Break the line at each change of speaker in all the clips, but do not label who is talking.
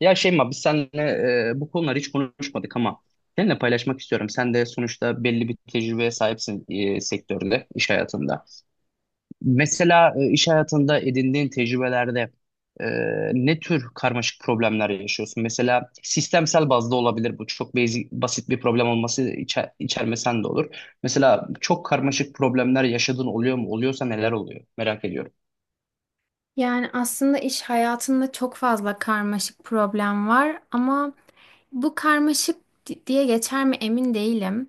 Ya Şeyma biz seninle bu konuları hiç konuşmadık ama seninle paylaşmak istiyorum. Sen de sonuçta belli bir tecrübeye sahipsin sektörde, iş hayatında. Mesela iş hayatında edindiğin tecrübelerde e, ne tür karmaşık problemler yaşıyorsun? Mesela sistemsel bazda olabilir bu. Çok basic, basit bir problem olması içermesen de olur. Mesela çok karmaşık problemler yaşadığın oluyor mu? Oluyorsa neler oluyor? Merak ediyorum.
Yani aslında iş hayatında çok fazla karmaşık problem var ama bu diye geçer mi emin değilim.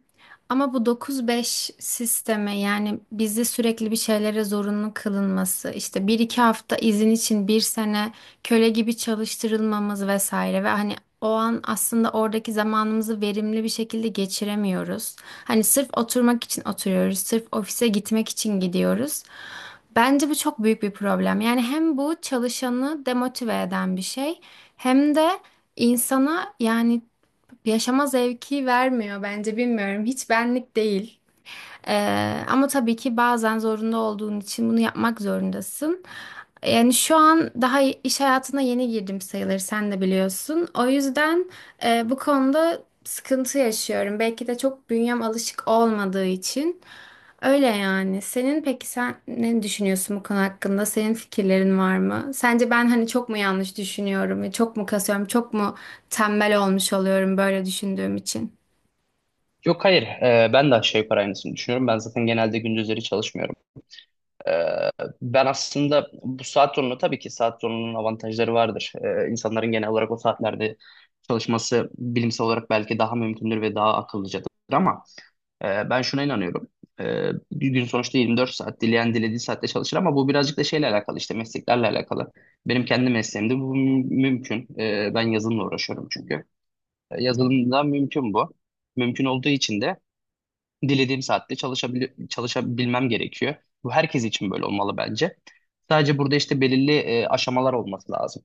Ama bu 9-5 sisteme, yani bizi sürekli bir şeylere zorunlu kılınması, işte 1-2 hafta izin için bir sene köle gibi çalıştırılmamız vesaire ve hani o an aslında oradaki zamanımızı verimli bir şekilde geçiremiyoruz. Hani sırf oturmak için oturuyoruz, sırf ofise gitmek için gidiyoruz. Bence bu çok büyük bir problem. Yani hem bu çalışanı demotive eden bir şey, hem de insana, yani yaşama zevki vermiyor, bence bilmiyorum. Hiç benlik değil. Ama tabii ki bazen zorunda olduğun için bunu yapmak zorundasın. Yani şu an daha iş hayatına yeni girdim sayılır, sen de biliyorsun. O yüzden bu konuda sıkıntı yaşıyorum. Belki de çok bünyem alışık olmadığı için. Öyle yani. Senin, peki sen ne düşünüyorsun bu konu hakkında? Senin fikirlerin var mı? Sence ben hani çok mu yanlış düşünüyorum? Çok mu kasıyorum? Çok mu tembel olmuş oluyorum böyle düşündüğüm için?
Yok, hayır, ben de aşağı yukarı aynısını düşünüyorum. Ben zaten genelde gündüzleri çalışmıyorum. Ee, ben aslında bu saat zorunun avantajları vardır. İnsanların genel olarak o saatlerde çalışması bilimsel olarak belki daha mümkündür ve daha akıllıcadır ama ben şuna inanıyorum. Bir gün sonuçta 24 saat dileyen dilediği saatte çalışır ama bu birazcık da şeyle alakalı, işte mesleklerle alakalı. Benim kendi mesleğimde bu mümkün. Ben yazılımla uğraşıyorum çünkü. Yazılımda mümkün bu. Mümkün olduğu için de dilediğim saatte çalışabilmem gerekiyor. Bu herkes için böyle olmalı bence. Sadece burada işte belirli aşamalar olması lazım.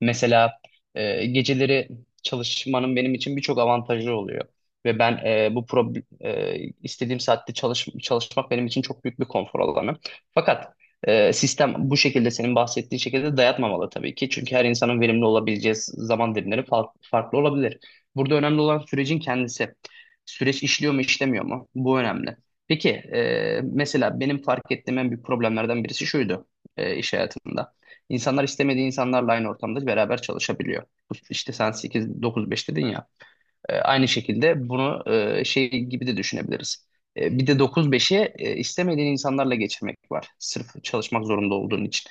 Mesela geceleri çalışmanın benim için birçok avantajı oluyor. Ve ben, istediğim saatte çalışmak benim için çok büyük bir konfor alanı. Fakat sistem bu şekilde, senin bahsettiğin şekilde dayatmamalı tabii ki. Çünkü her insanın verimli olabileceği zaman dilimleri farklı olabilir. Burada önemli olan sürecin kendisi. Süreç işliyor mu, işlemiyor mu? Bu önemli. Peki, mesela benim fark ettiğim en büyük problemlerden birisi şuydu iş hayatımda. İnsanlar istemediği insanlarla aynı ortamda beraber çalışabiliyor. İşte sen 8-9-5 dedin ya. E, aynı şekilde bunu şey gibi de düşünebiliriz. E, bir de 9-5'i istemediğin insanlarla geçirmek var. Sırf çalışmak zorunda olduğun için.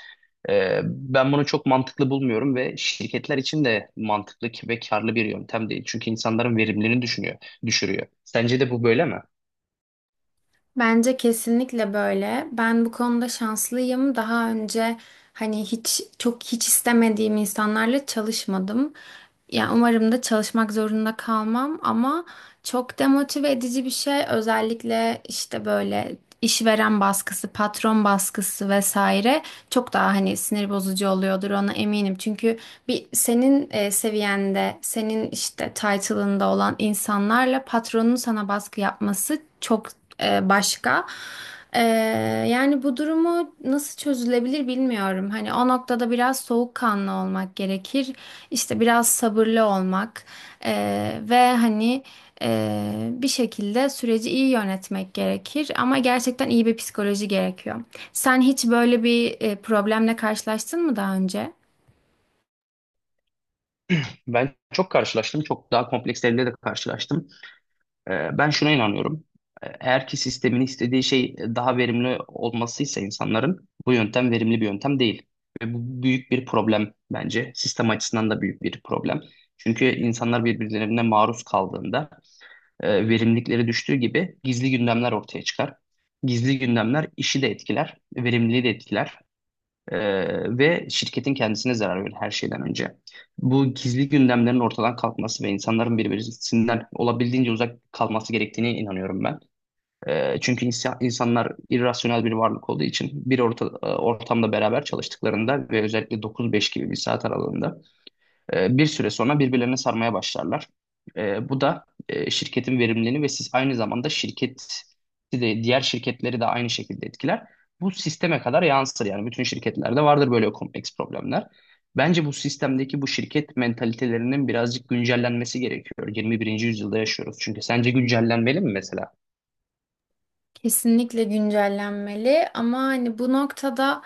E, ben bunu çok mantıklı bulmuyorum ve şirketler için de mantıklı ve karlı bir yöntem değil. Çünkü insanların verimliliğini düşürüyor. Sence de bu böyle mi?
Bence kesinlikle böyle. Ben bu konuda şanslıyım. Daha önce hani hiç istemediğim insanlarla çalışmadım. Ya umarım da çalışmak zorunda kalmam, ama çok demotive edici bir şey. Özellikle işte böyle işveren baskısı, patron baskısı vesaire çok daha hani sinir bozucu oluyordur, ona eminim. Çünkü bir senin seviyende, senin işte title'ında olan insanlarla patronun sana baskı yapması çok başka. E, Yani bu durumu nasıl çözülebilir bilmiyorum. Hani o noktada biraz soğukkanlı olmak gerekir. İşte biraz sabırlı olmak, ve hani bir şekilde süreci iyi yönetmek gerekir, ama gerçekten iyi bir psikoloji gerekiyor. Sen hiç böyle bir problemle karşılaştın mı daha önce?
Ben çok karşılaştım. Çok daha kompleks de karşılaştım. Ben şuna inanıyorum. Eğer ki sistemin istediği şey daha verimli olmasıysa insanların, bu yöntem verimli bir yöntem değil. Ve bu büyük bir problem bence. Sistem açısından da büyük bir problem. Çünkü insanlar birbirlerine maruz kaldığında verimlilikleri düştüğü gibi gizli gündemler ortaya çıkar. Gizli gündemler işi de etkiler, verimliliği de etkiler. Ve şirketin kendisine zarar verir her şeyden önce. Bu gizli gündemlerin ortadan kalkması ve insanların birbirisinden olabildiğince uzak kalması gerektiğine inanıyorum ben. Çünkü insanlar irrasyonel bir varlık olduğu için bir ortamda beraber çalıştıklarında ve özellikle 9-5 gibi bir saat aralığında bir süre sonra birbirlerine sarmaya başlarlar. E, bu da şirketin verimliliğini ve siz, aynı zamanda şirket de diğer şirketleri de aynı şekilde etkiler. Bu sisteme kadar yansır, yani bütün şirketlerde vardır böyle kompleks problemler. Bence bu sistemdeki bu şirket mentalitelerinin birazcık güncellenmesi gerekiyor. 21. yüzyılda yaşıyoruz. Çünkü sence güncellenmeli mi mesela?
Kesinlikle güncellenmeli, ama hani bu noktada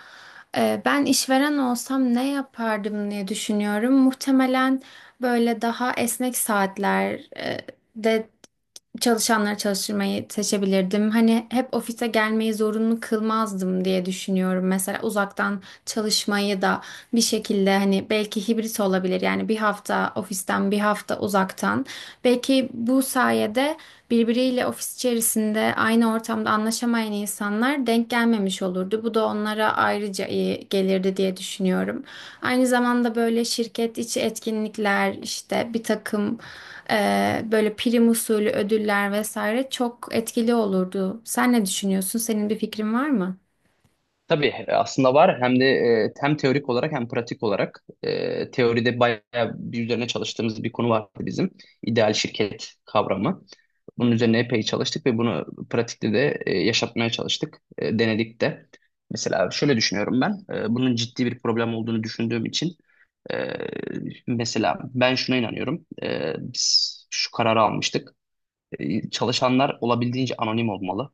ben işveren olsam ne yapardım diye düşünüyorum. Muhtemelen böyle daha esnek saatler e, de çalışanları çalıştırmayı seçebilirdim. Hani hep ofise gelmeyi zorunlu kılmazdım diye düşünüyorum. Mesela uzaktan çalışmayı da bir şekilde hani belki hibrit olabilir. Yani bir hafta ofisten, bir hafta uzaktan. Belki bu sayede birbiriyle ofis içerisinde aynı ortamda anlaşamayan insanlar denk gelmemiş olurdu. Bu da onlara ayrıca iyi gelirdi diye düşünüyorum. Aynı zamanda böyle şirket içi etkinlikler, işte bir takım böyle prim usulü ödüller vesaire çok etkili olurdu. Sen ne düşünüyorsun? Senin bir fikrin var mı?
Tabii, aslında var, hem de hem teorik olarak hem pratik olarak. Teoride bayağı bir üzerine çalıştığımız bir konu vardı bizim, ideal şirket kavramı. Bunun üzerine epey çalıştık ve bunu pratikte de yaşatmaya çalıştık, denedik de. Mesela şöyle düşünüyorum ben, bunun ciddi bir problem olduğunu düşündüğüm için, e, mesela ben şuna inanıyorum, biz şu kararı almıştık, çalışanlar olabildiğince anonim olmalı.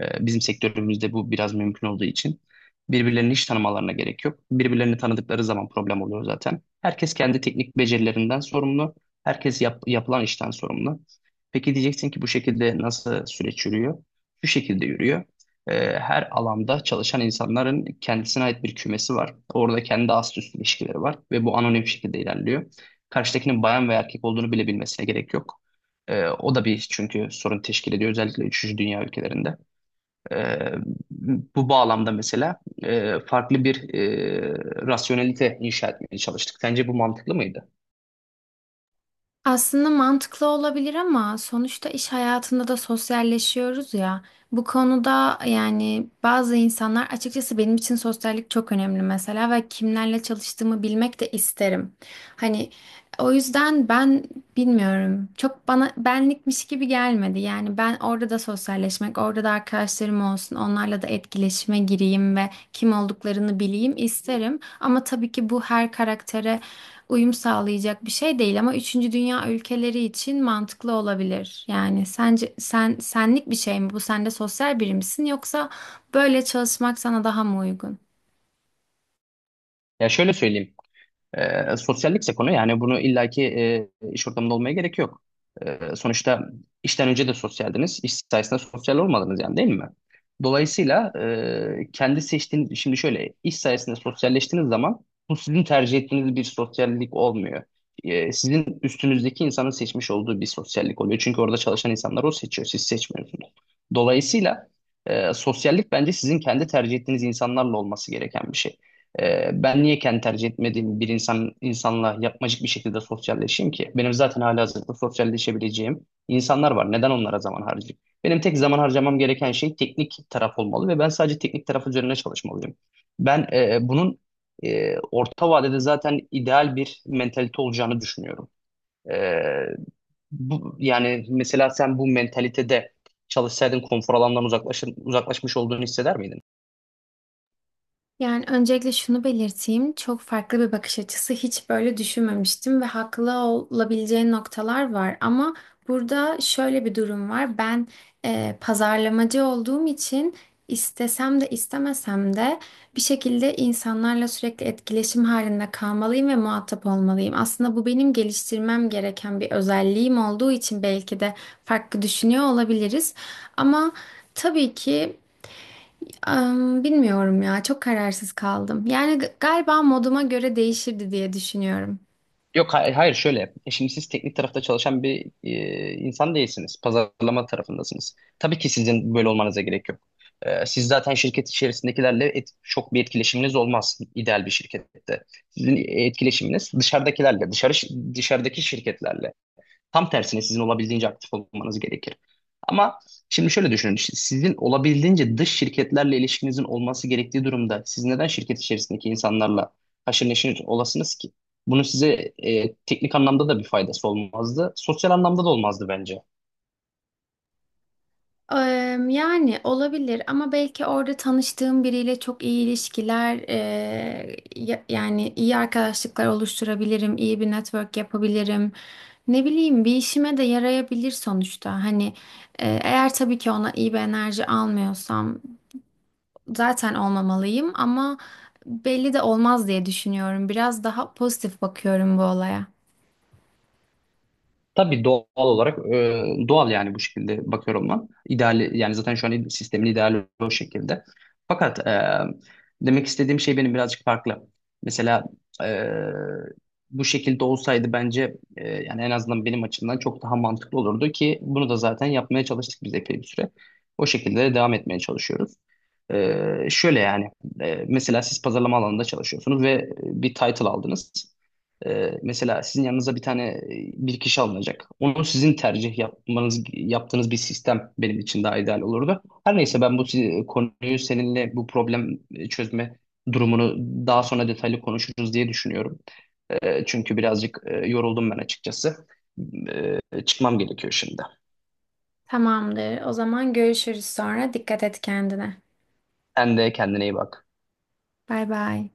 Bizim sektörümüzde bu biraz mümkün olduğu için birbirlerini hiç tanımalarına gerek yok. Birbirlerini tanıdıkları zaman problem oluyor zaten. Herkes kendi teknik becerilerinden sorumlu. Herkes yapılan işten sorumlu. Peki, diyeceksin ki bu şekilde nasıl süreç yürüyor? Şu şekilde yürüyor. Her alanda çalışan insanların kendisine ait bir kümesi var. Orada kendi ast üst ilişkileri var ve bu anonim şekilde ilerliyor. Karşıdakinin bayan veya erkek olduğunu bile bilmesine gerek yok. O da bir, çünkü sorun teşkil ediyor, özellikle üçüncü dünya ülkelerinde. Ee, bu bağlamda mesela farklı bir rasyonelite inşa etmeye çalıştık. Sence bu mantıklı mıydı?
Aslında mantıklı olabilir, ama sonuçta iş hayatında da sosyalleşiyoruz ya. Bu konuda, yani bazı insanlar, açıkçası benim için sosyallik çok önemli mesela ve kimlerle çalıştığımı bilmek de isterim. Hani o yüzden ben bilmiyorum. Çok bana benlikmiş gibi gelmedi. Yani ben orada da sosyalleşmek, orada da arkadaşlarım olsun, onlarla da etkileşime gireyim ve kim olduklarını bileyim isterim. Ama tabii ki bu her karaktere uyum sağlayacak bir şey değil, ama üçüncü dünya ülkeleri için mantıklı olabilir. Yani sence sen senlik bir şey mi bu? Sen de sosyal biri misin, yoksa böyle çalışmak sana daha mı uygun?
Ya şöyle söyleyeyim. Sosyallikse konu, yani bunu illaki iş ortamında olmaya gerek yok. Sonuçta işten önce de sosyaldiniz, iş sayesinde sosyal olmadınız, yani değil mi? Dolayısıyla kendi seçtiğiniz, şimdi şöyle, iş sayesinde sosyalleştiğiniz zaman bu sizin tercih ettiğiniz bir sosyallik olmuyor. Sizin üstünüzdeki insanın seçmiş olduğu bir sosyallik oluyor. Çünkü orada çalışan insanlar, o seçiyor, siz seçmiyorsunuz. Dolayısıyla sosyallik bence sizin kendi tercih ettiğiniz insanlarla olması gereken bir şey. Ben niye kendi tercih etmediğim bir insanla yapmacık bir şekilde sosyalleşeyim ki? Benim zaten halihazırda sosyalleşebileceğim insanlar var. Neden onlara zaman harcayayım? Benim tek zaman harcamam gereken şey teknik taraf olmalı ve ben sadece teknik taraf üzerine çalışmalıyım. Ben, bunun orta vadede zaten ideal bir mentalite olacağını düşünüyorum. E, bu, yani mesela sen bu mentalitede çalışsaydın, konfor uzaklaşmış olduğunu hisseder miydin?
Yani öncelikle şunu belirteyim. Çok farklı bir bakış açısı. Hiç böyle düşünmemiştim ve haklı olabileceği noktalar var. Ama burada şöyle bir durum var. Ben pazarlamacı olduğum için istesem de istemesem de bir şekilde insanlarla sürekli etkileşim halinde kalmalıyım ve muhatap olmalıyım. Aslında bu benim geliştirmem gereken bir özelliğim olduğu için belki de farklı düşünüyor olabiliriz. Ama tabii ki bilmiyorum ya, çok kararsız kaldım. Yani galiba moduma göre değişirdi diye düşünüyorum.
Yok, hayır, şöyle. E, şimdi siz teknik tarafta çalışan bir insan değilsiniz. Pazarlama tarafındasınız. Tabii ki sizin böyle olmanıza gerek yok. E, siz zaten şirket içerisindekilerle çok bir etkileşiminiz olmaz ideal bir şirkette. Sizin etkileşiminiz dışarıdakilerle, dışarıdaki şirketlerle. Tam tersine sizin olabildiğince aktif olmanız gerekir. Ama şimdi şöyle düşünün. İşte sizin olabildiğince dış şirketlerle ilişkinizin olması gerektiği durumda siz neden şirket içerisindeki insanlarla haşır neşir olasınız ki? Bunun size teknik anlamda da bir faydası olmazdı. Sosyal anlamda da olmazdı bence.
Yani olabilir, ama belki orada tanıştığım biriyle çok iyi yani iyi arkadaşlıklar oluşturabilirim, iyi bir network yapabilirim. Ne bileyim, bir işime de yarayabilir sonuçta. Hani eğer tabii ki ona iyi bir enerji almıyorsam zaten olmamalıyım, ama belli de olmaz diye düşünüyorum. Biraz daha pozitif bakıyorum bu olaya.
Tabii doğal olarak, e, doğal yani bu şekilde bakıyorum ben. İdeal, yani zaten şu an sistemin ideali o şekilde. Fakat demek istediğim şey benim birazcık farklı. Mesela e, bu şekilde olsaydı bence, yani en azından benim açımdan çok daha mantıklı olurdu ki bunu da zaten yapmaya çalıştık biz epey bir süre. O şekilde de devam etmeye çalışıyoruz. Şöyle yani mesela siz pazarlama alanında çalışıyorsunuz ve bir title aldınız. Mesela sizin yanınıza bir tane bir kişi alınacak. Onu sizin tercih yapmanız yaptığınız bir sistem benim için daha ideal olurdu. Her neyse, ben bu konuyu seninle, bu problem çözme durumunu daha sonra detaylı konuşuruz diye düşünüyorum. Çünkü birazcık yoruldum ben açıkçası. Çıkmam gerekiyor şimdi.
Tamamdır. O zaman görüşürüz sonra. Dikkat et kendine.
Sen de kendine iyi bak.
Bay bay.